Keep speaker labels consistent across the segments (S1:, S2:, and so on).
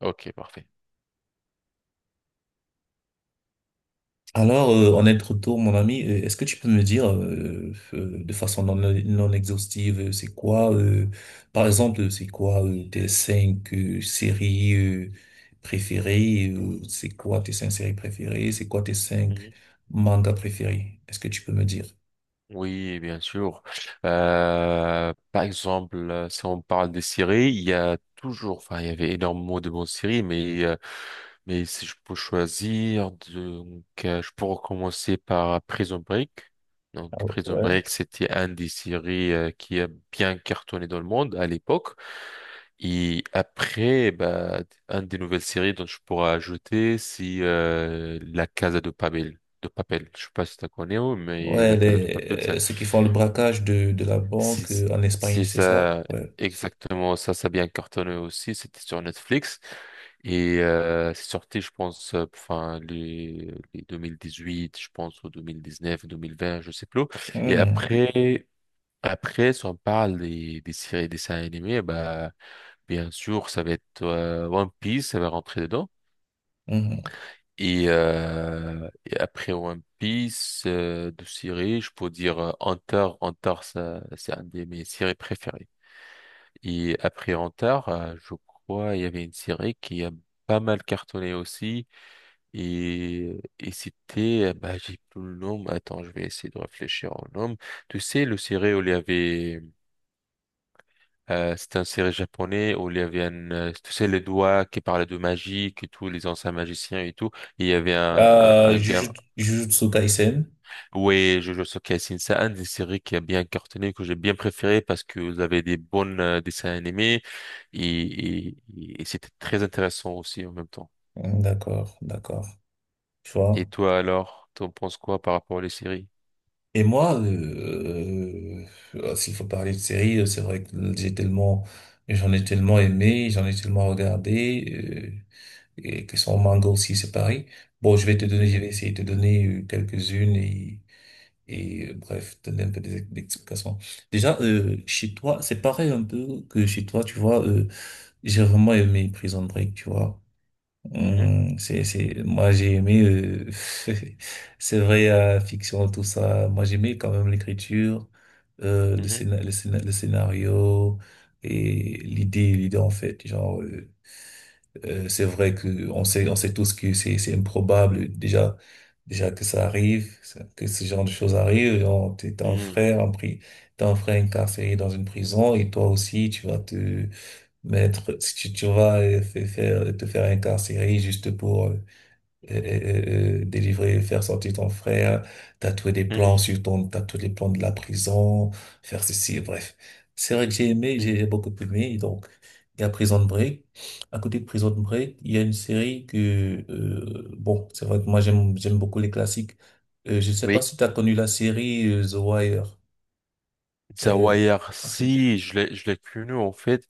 S1: OK, parfait.
S2: Alors, en être retour, mon ami, est-ce que tu peux me dire de façon non exhaustive, c'est quoi, par exemple, c'est quoi tes cinq séries préférées, c'est quoi tes cinq séries préférées, c'est quoi tes cinq
S1: Mhm.
S2: mangas préférés? Est-ce que tu peux me dire?
S1: Oui, bien sûr. Par exemple, si on parle des séries, il y a toujours, enfin, il y avait énormément de bonnes séries, mais Mais si je peux choisir, donc, je pourrais commencer par Prison Break. Donc,
S2: Ah,
S1: Prison
S2: ouais.
S1: Break, c'était une des séries qui a bien cartonné dans le monde à l'époque. Et après, bah, une des nouvelles séries dont je pourrais ajouter, c'est La Casa de Papel. De Papel. Je sais pas si tu connais, mais
S2: Ouais,
S1: La Casa de Papel,
S2: ceux qui font le braquage de la
S1: c'est
S2: banque en Espagne,
S1: c'est
S2: c'est ça?
S1: ça,
S2: Ouais.
S1: exactement ça, ça a bien cartonné aussi. C'était sur Netflix et c'est sorti, je pense, enfin les huit je pense, ou deux mille dix neuf mille vingt je sais plus. Et
S2: Mhm,
S1: après, après, si on parle des séries, des dessins animés, bah bien sûr, ça va être One Piece, ça va rentrer dedans.
S2: mhm.
S1: Et après One Piece, de séries, je peux dire Hunter, Hunter, ça, c'est un de mes séries préférées. Et après Antar, je crois, il y avait une série qui a pas mal cartonné aussi. Et c'était, bah, j'ai plus le nom. Mais attends, je vais essayer de réfléchir au nom. Tu sais, le série où il y avait, c'était un série japonais où il y avait un, tu sais, les doigts qui parlaient de magie, et tout, les anciens magiciens et tout. Et il y avait un, un,
S2: Euh,
S1: un gars,
S2: Jujutsu Jujutsu Kaisen.
S1: Oui, Jojo Sokka c'est un des séries qui a bien cartonné, que j'ai bien préféré parce que vous avez des bons dessins animés et c'était très intéressant aussi en même temps.
S2: Mhm, d'accord, d'accord. Tu vois?
S1: Et toi alors, t'en penses quoi par rapport à les séries?
S2: Et moi, s'il faut parler de séries, c'est vrai que j'en ai tellement aimé, j'en ai tellement regardé, et que son manga aussi, c'est pareil. Bon, je
S1: Mhm,
S2: vais essayer de te donner quelques-unes, et bref, te donner un peu des explications. Déjà, chez toi, c'est pareil un peu que chez toi, tu vois, j'ai vraiment aimé Prison Break, tu vois.
S1: mhm,
S2: Moi, j'ai aimé, c'est vrai, la fiction, tout ça. Moi, j'aimais quand même l'écriture,
S1: mhm,
S2: le scénario et en fait. Genre, c'est vrai que on sait tous que c'est improbable. Déjà que ça arrive, que ce genre de choses arrive. Genre, t'as un
S1: mhm,
S2: frère, t'as un frère incarcéré dans une prison et toi aussi, tu vas te, Maître, si tu vas faire, te faire incarcérer juste pour délivrer, faire sortir ton frère, tatouer des plans
S1: mhm,
S2: tatouer les plans de la prison, faire ceci, bref. C'est vrai que
S1: mhm.
S2: j'ai beaucoup aimé, donc il y a Prison Break. À côté de Prison Break, il y a une série bon, c'est vrai que moi j'aime beaucoup les classiques. Je ne sais pas
S1: Oui.
S2: si tu as connu la série The Wire.
S1: The
S2: Euh,
S1: Wire, si, je l'ai connu en fait.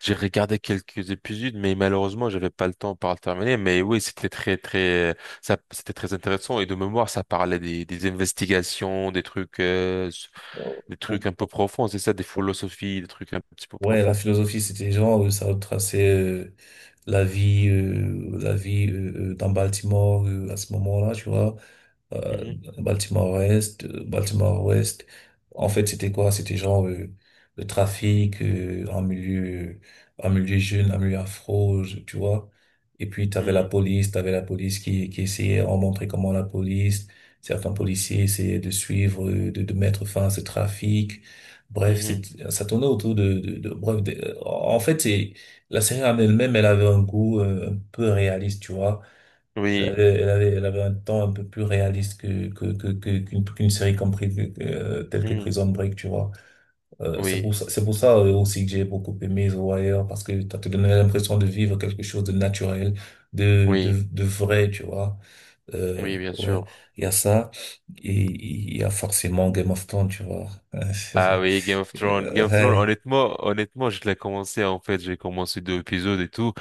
S1: J'ai regardé quelques épisodes, mais malheureusement, j'avais pas le temps pour le terminer. Mais oui, c'était très, très, ça, c'était très intéressant. Et de mémoire, ça parlait des investigations, des trucs, des trucs un peu profonds. C'est ça, des philosophies, des trucs un petit peu
S2: Ouais, la
S1: profonds.
S2: philosophie, c'était genre, ça retraçait la vie dans Baltimore à ce moment-là, tu vois, euh,
S1: Mhm,
S2: Baltimore-Ouest. En fait, c'était quoi? C'était genre le trafic en milieu jeune, en milieu afro, tu vois. Et puis,
S1: mhm,
S2: t'avais la police qui essayait, on montrait comment la police, certains policiers essayaient de suivre, de mettre fin à ce trafic. Bref,
S1: mhm.
S2: ça tournait autour bref, en fait, la série en elle-même, elle avait un goût un peu réaliste, tu vois. Elle
S1: Oui,
S2: avait, elle avait, elle avait un temps un peu plus réaliste qu'une série telle que
S1: mhm,
S2: Prison Break, tu vois. C'est pour
S1: oui,
S2: ça, aussi que j'ai beaucoup aimé The Wire, parce que ça te donnait l'impression de vivre quelque chose de naturel,
S1: oui,
S2: de vrai, tu vois. Euh,
S1: oui, bien
S2: ouais,
S1: sûr.
S2: il y a ça, et il y a forcément Game of Thrones, tu vois.
S1: Ah oui, Game of Thrones. Game
S2: Euh,
S1: of Thrones,
S2: ouais.
S1: honnêtement, je l'ai commencé en fait. J'ai commencé deux épisodes et tout.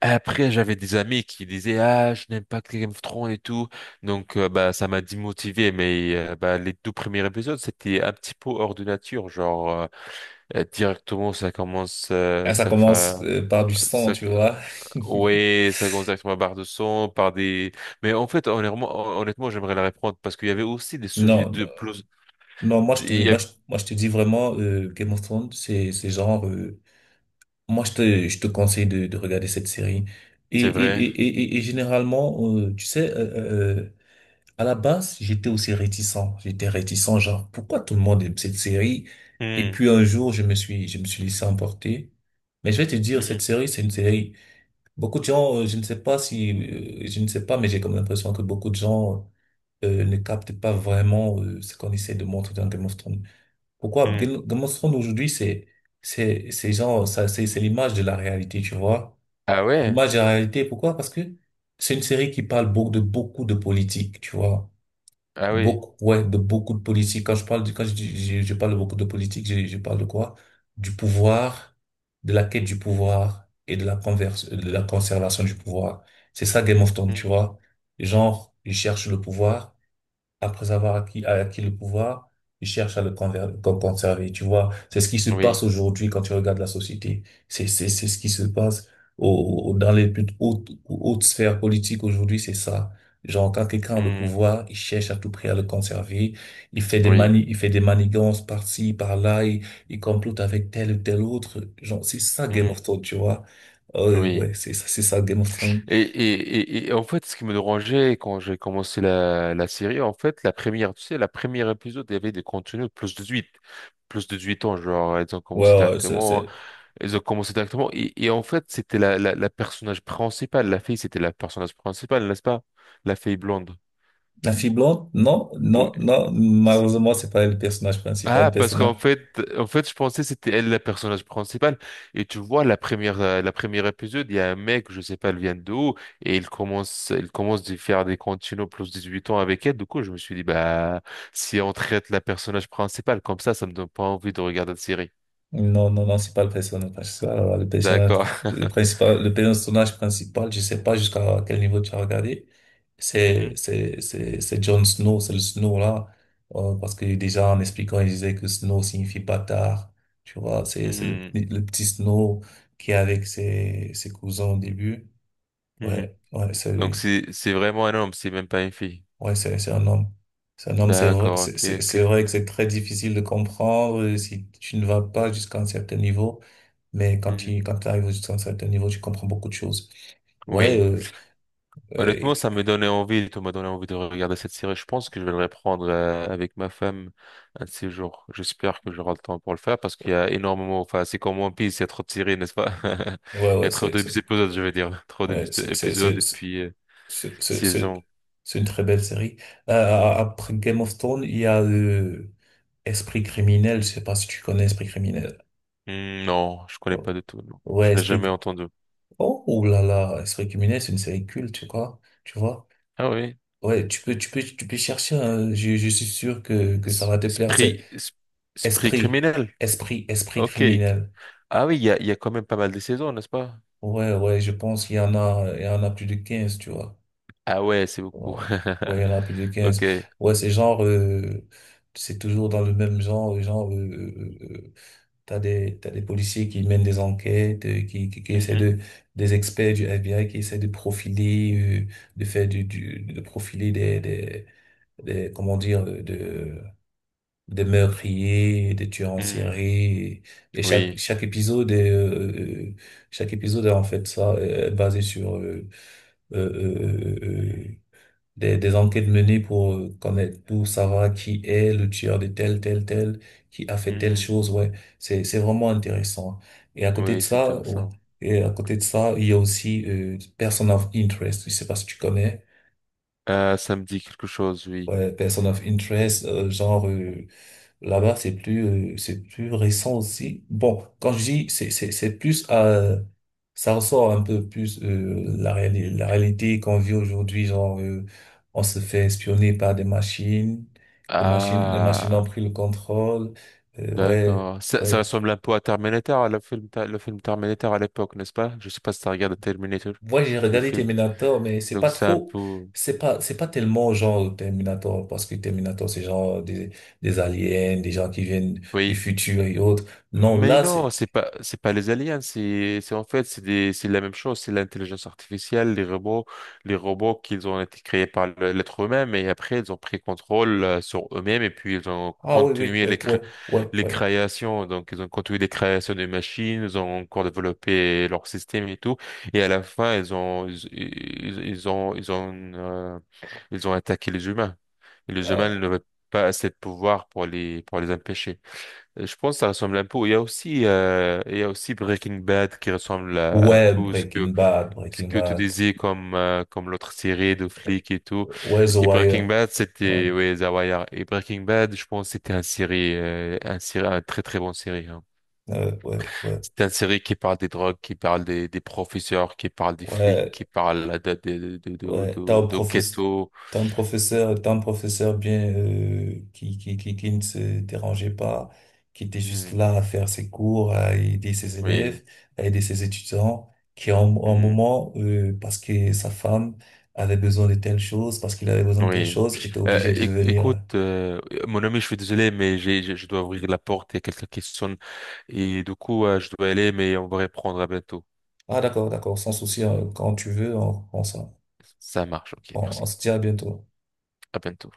S1: Après, j'avais des amis qui disaient, ah, je n'aime pas Game of Thrones et tout. Donc, bah, ça m'a démotivé. Mais bah, les deux premiers épisodes, c'était un petit peu hors de nature. Genre, directement, ça commence,
S2: Ah, ça
S1: ça,
S2: commence par du sang,
S1: ça,
S2: tu vois.
S1: ouais, ça commence directement par de son, par des. Mais en fait, honnêtement, j'aimerais la reprendre parce qu'il y avait aussi des sujets
S2: Non,
S1: de plus.
S2: non,
S1: il y avait-
S2: moi, je te dis vraiment, Game of Thrones, c'est genre, je te conseille de regarder cette série. Et,
S1: C'est
S2: et,
S1: vrai.
S2: et, et, et généralement, tu sais, à la base, j'étais aussi réticent. J'étais réticent, genre, pourquoi tout le monde aime cette série? Et
S1: Hmm,
S2: puis un jour, je me suis laissé emporter. Mais je vais te dire, cette
S1: mhm,
S2: série, c'est une série. Beaucoup de gens, je ne sais pas si, je ne sais pas, mais j'ai comme l'impression que beaucoup de gens, ne captent pas vraiment, ce qu'on essaie de montrer dans Game of Thrones. Pourquoi?
S1: hmm.
S2: Game of Thrones aujourd'hui, c'est genre, ça, c'est l'image de la réalité, tu vois.
S1: Ah ouais?
S2: L'image de la réalité, pourquoi? Parce que c'est une série qui parle beaucoup de politique, tu vois.
S1: Ah oui.
S2: Beaucoup, ouais, de beaucoup de politique. Quand je parle de beaucoup de politique, je parle de quoi? Du pouvoir, de la quête du
S1: Mhm,
S2: pouvoir et de la conservation du pouvoir. C'est ça Game of Thrones, tu
S1: hmm.
S2: vois. Genre, ils cherchent le pouvoir après avoir acquis le pouvoir, ils cherchent à le conserver. Tu vois, c'est ce qui se passe
S1: Oui.
S2: aujourd'hui quand tu regardes la société. C'est ce qui se passe dans les plus hautes sphères politiques aujourd'hui, c'est ça. Genre, quand quelqu'un a le
S1: Hmm,
S2: pouvoir, il cherche à tout prix à le conserver. Il fait des
S1: oui.
S2: mani, il fait des manigances par-ci, par-là. Il complote avec tel ou tel autre. Genre, c'est ça Game
S1: Hmm,
S2: of Thrones, tu vois. Euh,
S1: oui.
S2: ouais, c'est ça Game of Thrones.
S1: Et, et, et en fait, ce qui me dérangeait quand j'ai commencé la série, en fait, la première, tu sais, la première épisode, il y avait des contenus de plus de 18, plus de 18 ans, genre,
S2: Ouais, ouais,
S1: ils ont commencé directement, et en fait, c'était la personnage principale, la fille, c'était la personnage principale, n'est-ce pas? La fille blonde.
S2: La fille blonde? Non,
S1: Oui.
S2: non, non, malheureusement, c'est pas le personnage principal. Le
S1: Ah, parce
S2: personnage,
S1: qu'en fait, je pensais que c'était elle la personnage principal. Et tu vois, la première épisode, il y a un mec, je sais pas, elle vient d'où, et il commence de faire des continuos plus 18 ans avec elle. Du coup, je me suis dit, bah, si on traite la personnage principale comme ça me donne pas envie de regarder la série.
S2: non, non, non, c'est pas le personnage principal. Alors,
S1: D'accord.
S2: le personnage principal, je sais pas jusqu'à quel niveau tu as regardé. C'est,
S1: Mhm,
S2: c'est, c'est, c'est Jon Snow, c'est le Snow là. Parce que déjà, en expliquant, il disait que Snow signifie bâtard. Tu vois, c'est le,
S1: mhm,
S2: le petit Snow qui est avec ses cousins au début.
S1: mhm.
S2: Ouais, ouais, c'est
S1: Donc,
S2: lui.
S1: c'est vraiment un homme, c'est même pas une fille.
S2: Ouais, c'est un homme. C'est un homme, c'est vrai,
S1: D'accord, OK,
S2: c'est
S1: OK.
S2: vrai que c'est très difficile de comprendre si tu ne vas pas jusqu'à un certain niveau. Mais quand
S1: Mhm.
S2: tu, quand tu arrives jusqu'à un certain niveau, tu comprends beaucoup de choses. Ouais,
S1: Oui.
S2: euh,
S1: Honnêtement, ça me donnait envie, tu m'as donné envie de regarder cette série. Je pense que je vais le reprendre avec ma femme un de ces jours. J'espère que j'aurai le temps pour le faire parce qu'il y a énormément, enfin, c'est comme One Piece, il y a trop de séries, n'est-ce pas?
S2: ouais,
S1: Il y
S2: ouais,
S1: a trop d'épisodes, je veux dire. Trop
S2: ouais,
S1: d'épisodes et puis
S2: c'est, c'est- c'est-
S1: saisons.
S2: c'est une très belle série. Après Game of Thrones, il y a Esprit criminel. Je sais pas si tu connais Esprit criminel.
S1: Hmm, non, je connais
S2: Oh,
S1: pas du tout, non.
S2: ouais,
S1: Je n'ai jamais
S2: Esprit.
S1: entendu.
S2: Oh, ouh là là, Esprit criminel, c'est une série culte, tu vois. Tu vois.
S1: Ah oui.
S2: Ouais, tu peux chercher, hein. Je suis sûr que ça va te plaire. C'est
S1: Esprit, esprit
S2: esprit,
S1: criminel.
S2: esprit
S1: OK.
S2: criminel.
S1: Ah oui, il y a quand même pas mal de saisons, n'est-ce pas?
S2: Ouais, ouais, je pense qu'il y en a plus de 15, tu vois.
S1: Ah ouais, c'est beaucoup.
S2: Wow. Ouais, il y en a plus de quinze.
S1: OK.
S2: Ouais, c'est genre, c'est toujours dans le même genre, genre, t'as des policiers qui mènent des enquêtes, qui essaient
S1: Mhm.
S2: de, des experts du FBI qui essaient de profiler, de faire de profiler des, comment dire, des meurtriers, des tueurs en série,
S1: Hmm.
S2: et
S1: Oui.
S2: chaque épisode est en fait, ça est basé sur euh, euh, euh, des enquêtes menées pour connaître, pour savoir qui est le tueur de tel, qui a fait telle
S1: Mhm.
S2: chose. Ouais, c'est vraiment intéressant. Et à côté de
S1: Oui, c'est
S2: ça, ouais,
S1: intéressant.
S2: et à côté de ça, il y a aussi Person of Interest. Je sais pas si tu connais.
S1: Ça me dit quelque chose, oui.
S2: Ouais, Person of Interest, genre, là-bas, c'est plus récent aussi. Bon, quand je dis, ça ressort un peu plus
S1: Mm.
S2: la réalité qu'on vit aujourd'hui. Genre, on se fait espionner par des machines, les machines ont
S1: Ah,
S2: pris le contrôle. Ouais,
S1: d'accord. Ça
S2: ouais.
S1: ressemble un peu à Terminator, le film Terminator à l'époque, n'est-ce pas? Je sais pas si tu regardes Terminator,
S2: Moi, j'ai
S1: le
S2: regardé
S1: film.
S2: Terminator, mais c'est
S1: Donc
S2: pas
S1: c'est un
S2: trop,
S1: peu,
S2: c'est pas tellement genre Terminator, parce que Terminator, c'est genre des aliens, des gens qui viennent du
S1: oui.
S2: futur et autres. Non,
S1: Mais
S2: là,
S1: non,
S2: c'est
S1: c'est pas les aliens, c'est en fait, c'est la même chose, c'est l'intelligence artificielle, les robots, qu'ils ont été créés par l'être humain, et après ils ont pris contrôle sur eux-mêmes et puis ils ont
S2: ah, oui, oui,
S1: continué
S2: oui,
S1: les
S2: oui, oui,
S1: les
S2: oui.
S1: créations. Donc, ils ont continué les créations des machines, ils ont encore développé leur système et tout. Et à la fin, ils ont, ils- ils ont, ils ont, ils ont attaqué les humains. Et les
S2: Euh,
S1: humains n'avaient pas assez de pouvoir pour les empêcher. Et je pense que ça ressemble un peu. Il y a aussi Breaking Bad qui un
S2: ouais,
S1: peu à ce
S2: Breaking
S1: que tu
S2: Bad.
S1: disais comme l'autre série de flics et tout.
S2: Ouais, The
S1: Et Breaking
S2: Wire.
S1: Bad,
S2: Ouais,
S1: c'était ouais, The Wire. Et Breaking Bad, je pense, c'était un très très bon série. Hein.
S2: ouais, ouais,
S1: C'était un série qui parle des drogues, qui parle des professeurs, qui parle des flics, qui
S2: ouais,
S1: parle de de de de
S2: ouais. T'as un
S1: de, de
S2: professeur,
S1: ghetto.
S2: t'as un professeur, t'as un professeur bien, qui ne se dérangeait pas, qui était juste
S1: Hmm,
S2: là à faire ses cours, à aider ses
S1: oui.
S2: élèves, à aider ses étudiants, qui en un,
S1: Hmm,
S2: moment, parce que sa femme avait besoin de telle chose, parce qu'il avait besoin de telle
S1: oui.
S2: chose, était obligé de
S1: Écoute,
S2: venir.
S1: mon ami, je suis désolé, mais je dois ouvrir la porte. Il y a quelqu'un qui sonne. Et du coup, je dois aller, mais on va reprendre à bientôt.
S2: Ah, d'accord, d'accord, sans souci, hein, quand tu veux, on, s'en-
S1: Ça marche, OK,
S2: on
S1: merci.
S2: se dit à bientôt.
S1: À bientôt.